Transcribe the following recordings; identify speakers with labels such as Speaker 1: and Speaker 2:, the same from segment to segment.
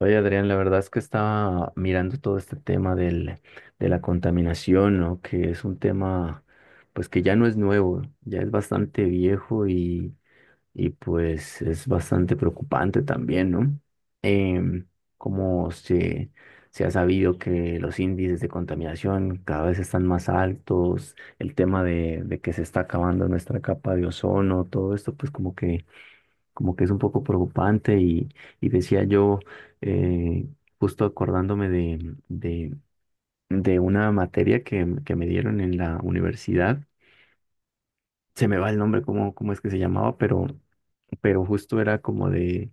Speaker 1: Oye, Adrián, la verdad es que estaba mirando todo este tema de la contaminación, ¿no? Que es un tema, pues que ya no es nuevo, ya es bastante viejo y pues es bastante preocupante también, ¿no? Em, como se, se ha sabido que los índices de contaminación cada vez están más altos, el tema de que se está acabando nuestra capa de ozono, todo esto, pues como que es un poco preocupante y decía yo, eh, justo acordándome de una materia que me dieron en la universidad, se me va el nombre, cómo es que se llamaba, pero justo era como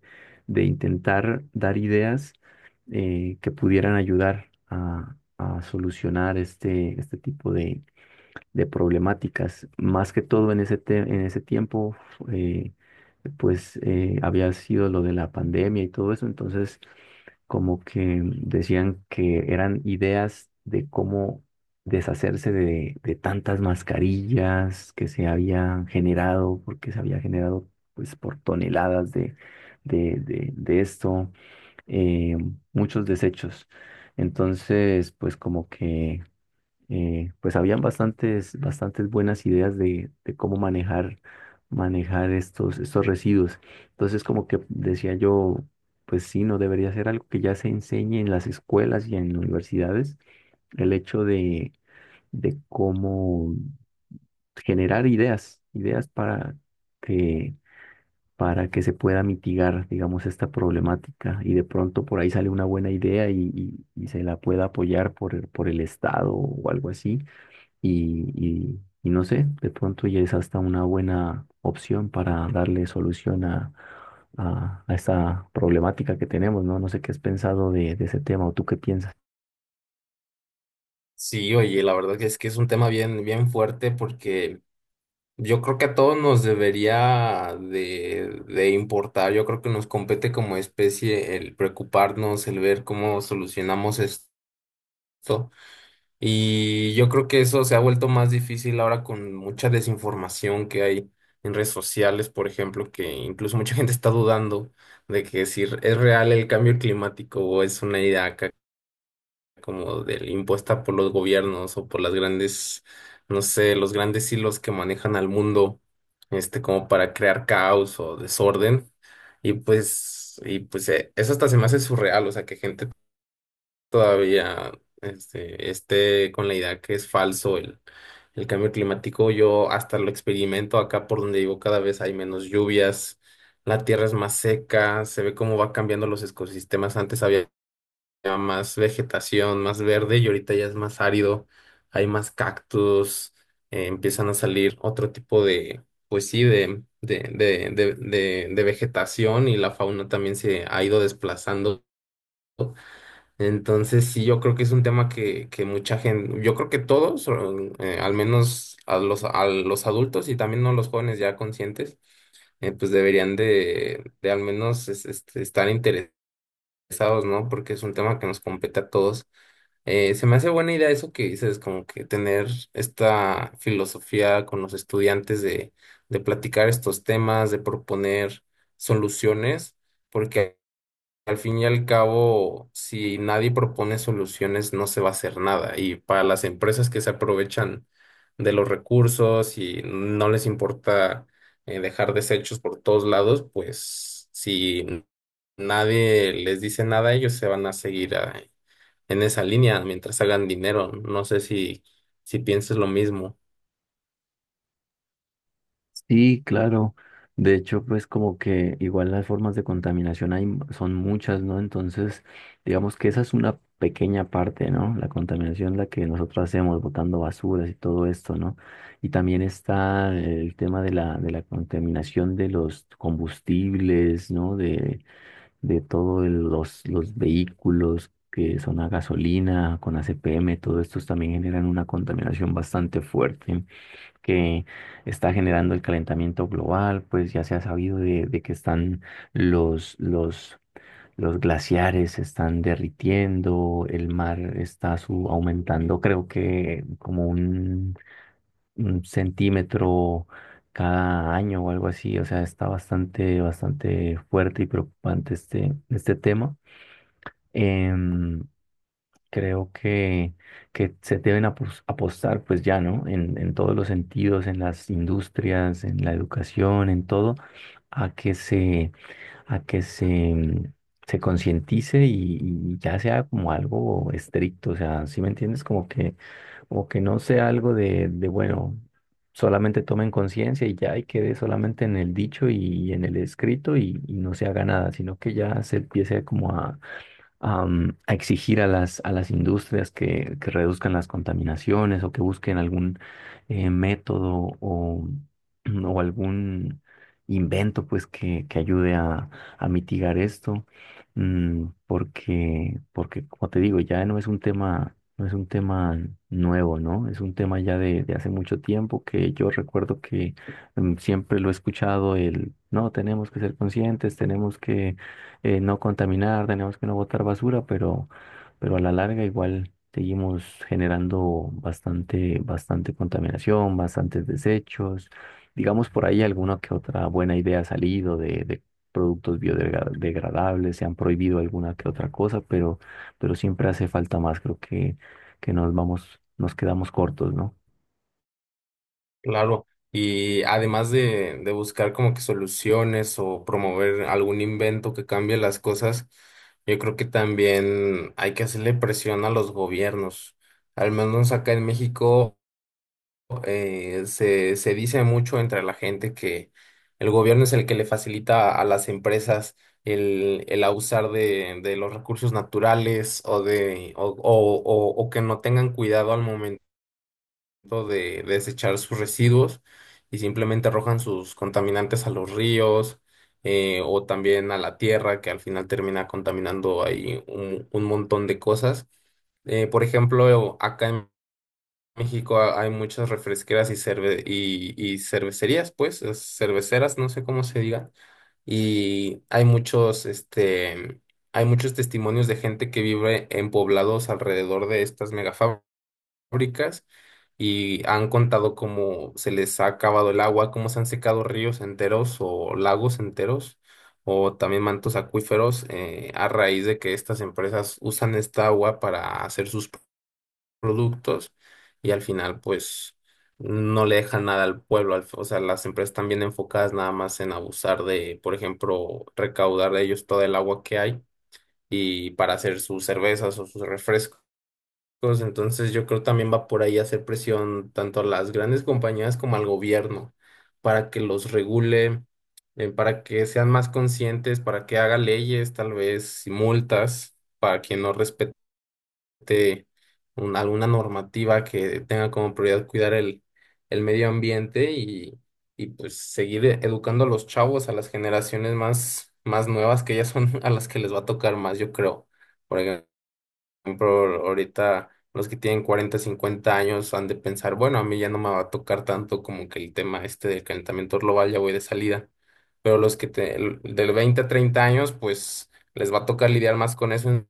Speaker 1: de intentar dar ideas, que pudieran ayudar a solucionar este tipo de problemáticas. Más que todo en en ese tiempo, eh, había sido lo de la pandemia y todo eso, entonces como que decían que eran ideas de cómo deshacerse de tantas mascarillas que se habían generado, porque se había generado pues por toneladas de esto, eh, muchos desechos. Entonces, pues como que, pues habían bastantes buenas ideas de cómo manejar estos residuos. Entonces, como que decía yo, pues sí, no debería ser algo que ya se enseñe en las escuelas y en universidades, el hecho de cómo generar ideas que, para que se pueda mitigar, digamos, esta problemática. Y de pronto por ahí sale una buena idea y se la pueda apoyar por por el Estado o algo así y no sé, de pronto ya es hasta una buena opción para darle solución a esta problemática que tenemos, ¿no? No sé qué has pensado de ese tema o tú qué piensas.
Speaker 2: Sí, oye, la verdad que es un tema bien fuerte porque yo creo que a todos nos debería de importar. Yo creo que nos compete como especie el preocuparnos, el ver cómo solucionamos esto. Y yo creo que eso se ha vuelto más difícil ahora con mucha desinformación que hay en redes sociales, por ejemplo, que incluso mucha gente está dudando de que si es real el cambio climático o es una idea acá como del impuesta por los gobiernos o por las grandes, no sé, los grandes hilos que manejan al mundo, este, como para crear caos o desorden. Eso hasta se me hace surreal, o sea, que gente todavía esté con la idea que es falso el cambio climático. Yo hasta lo experimento acá por donde vivo, cada vez hay menos lluvias. La tierra es más seca, se ve cómo va cambiando los ecosistemas. Antes había más vegetación, más verde, y ahorita ya es más árido, hay más cactus. Empiezan a salir otro tipo de, pues sí, de vegetación, y la fauna también se ha ido desplazando. Entonces sí, yo creo que es un tema que mucha gente, yo creo que todos, al menos a los adultos y también no los jóvenes ya conscientes, pues deberían de al menos estar interesados, ¿no? Porque es un tema que nos compete a todos. Se me hace buena idea eso que dices, como que tener esta filosofía con los estudiantes de platicar estos temas, de proponer soluciones, porque al fin y al cabo, si nadie propone soluciones, no se va a hacer nada. Y para las empresas que se aprovechan de los recursos y no les importa dejar desechos por todos lados, pues si nadie les dice nada, ellos se van a seguir en esa línea mientras hagan dinero. No sé si pienses lo mismo.
Speaker 1: Sí, claro. De hecho, pues como que igual las formas de contaminación son muchas, ¿no? Entonces, digamos que esa es una pequeña parte, ¿no? La contaminación la que nosotros hacemos botando basuras y todo esto, ¿no? Y también está el tema de la contaminación de los combustibles, ¿no? De todos los vehículos que son a gasolina, con ACPM, todo estos también generan una contaminación bastante fuerte que está generando el calentamiento global, pues ya se ha sabido de que están los, los, los glaciares se están derritiendo, el mar aumentando, creo que como un centímetro cada año o algo así, o sea, está bastante fuerte y preocupante este tema. Em, creo que se deben apostar, pues ya, ¿no? En todos los sentidos, en las industrias, en la educación, en todo, a que se, a que se, mm, se concientice y ya sea como algo estricto, o sea, ¿sí me entiendes? Como que no sea algo de bueno. Solamente tomen conciencia y ya y quede solamente en el dicho en el escrito y no se haga nada, sino que ya se empiece como, a exigir a a las industrias que reduzcan las contaminaciones o que busquen algún método o o algún invento pues que ayude a mitigar esto, porque como te digo, ya no es un tema, no es un tema nuevo, ¿no? Es un tema ya de hace mucho tiempo que yo recuerdo que, siempre lo he escuchado el, no, tenemos que ser conscientes, tenemos que no contaminar, tenemos que no botar basura, pero a la larga igual seguimos generando bastante contaminación, bastantes desechos. Digamos por ahí alguna que otra buena idea ha salido de productos biodegradables, se han prohibido alguna que otra cosa, pero siempre hace falta más, creo que nos vamos, nos quedamos cortos, ¿no?
Speaker 2: Claro. Y además de buscar como que soluciones o promover algún invento que cambie las cosas, yo creo que también hay que hacerle presión a los gobiernos. Al menos acá en México. Se dice mucho entre la gente que el gobierno es el que le facilita a las empresas el abusar de los recursos naturales o, de, o que no tengan cuidado al momento de desechar sus residuos y simplemente arrojan sus contaminantes a los ríos, o también a la tierra que al final termina contaminando ahí un montón de cosas. Por ejemplo, acá en México hay muchas refresqueras y cervecerías, pues, cerveceras, no sé cómo se diga. Y hay muchos, este, hay muchos testimonios de gente que vive en poblados alrededor de estas megafábricas, y han contado cómo se les ha acabado el agua, cómo se han secado ríos enteros o lagos enteros o también mantos acuíferos, a raíz de que estas empresas usan esta agua para hacer sus productos, y al final pues no le dejan nada al pueblo. O sea, las empresas están bien enfocadas nada más en abusar de, por ejemplo, recaudar de ellos todo el agua que hay y para hacer sus cervezas o sus refrescos. Entonces yo creo también va por ahí hacer presión tanto a las grandes compañías como al gobierno para que los regule, para que sean más conscientes, para que haga leyes, tal vez, y multas para quien no respete este, alguna normativa que tenga como prioridad cuidar el medio ambiente, y pues seguir educando a los chavos, a las generaciones más nuevas, que ya son a las que les va a tocar más, yo creo. Por ejemplo, ahorita los que tienen 40 50 años han de pensar, bueno, a mí ya no me va a tocar tanto como que el tema este del calentamiento global, ya voy de salida. Pero los que del 20 a 30 años, pues les va a tocar lidiar más con eso en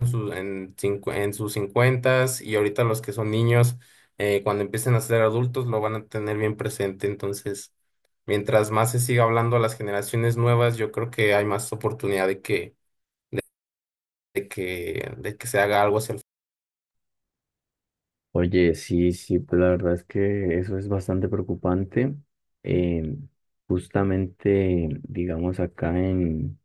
Speaker 2: en sus cincuentas, y ahorita los que son niños, cuando empiecen a ser adultos, lo van a tener bien presente. Entonces, mientras más se siga hablando a las generaciones nuevas, yo creo que hay más oportunidad de, de que se haga algo hacia el...
Speaker 1: Oye, sí, sí, pues la verdad es que eso es bastante preocupante. Eh, justamente, digamos, acá en,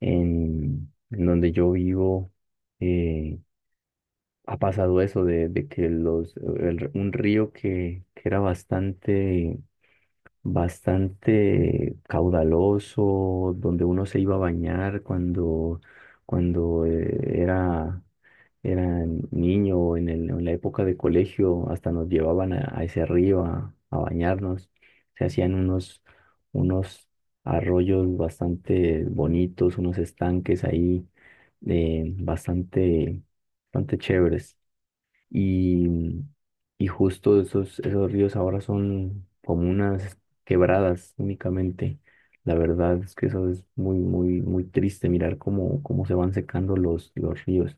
Speaker 1: en, en donde yo vivo, eh, ha pasado eso de que un río que era bastante caudaloso, donde uno se iba a bañar cuando eran niño o en en la época de colegio, hasta nos llevaban a ese río a bañarnos. Se hacían unos arroyos bastante bonitos, unos estanques ahí, eh, bastante, bastante chéveres. Y, y justo esos ríos ahora son como unas quebradas únicamente. La verdad es que eso es muy, muy, muy triste mirar cómo se van secando los ríos.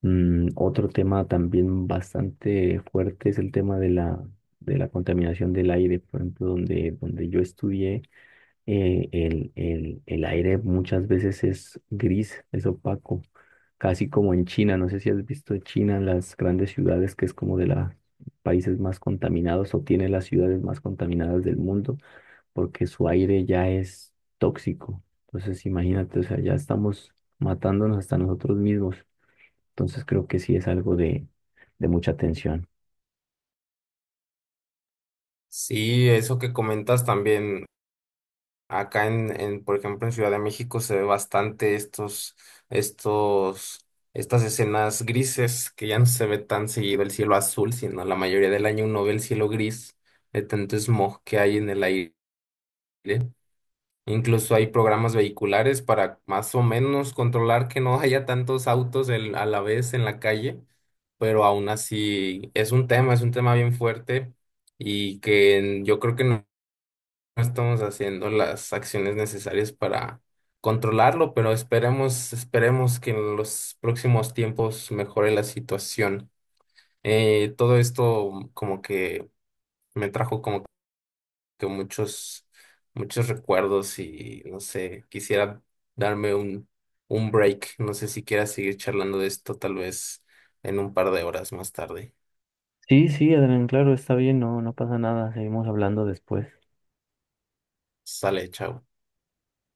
Speaker 1: Mm, otro tema también bastante fuerte es el tema de la contaminación del aire. Por ejemplo, donde yo estudié, el aire muchas veces es gris, es opaco, casi como en China. No sé si has visto China, las grandes ciudades, que es como de los países más contaminados o tiene las ciudades más contaminadas del mundo, porque su aire ya es tóxico. Entonces, imagínate, o sea, ya estamos matándonos hasta nosotros mismos. Entonces creo que sí es algo de mucha tensión.
Speaker 2: Sí, eso que comentas también. Acá por ejemplo, en Ciudad de México se ve bastante estos, estas escenas grises, que ya no se ve tan seguido el cielo azul, sino la mayoría del año uno ve el cielo gris de tanto smog que hay en el aire. Incluso hay programas vehiculares para más o menos controlar que no haya tantos autos a la vez en la calle, pero aún así es un tema bien fuerte, y que yo creo que no estamos haciendo las acciones necesarias para controlarlo, pero esperemos, esperemos que en los próximos tiempos mejore la situación. Todo esto como que me trajo como que muchos, muchos recuerdos, y no sé, quisiera darme un break. No sé si quieras seguir charlando de esto, tal vez en un par de horas más tarde.
Speaker 1: Sí, sí, Adrián, claro, está bien, no, no pasa nada, seguimos hablando después.
Speaker 2: Sale, chao.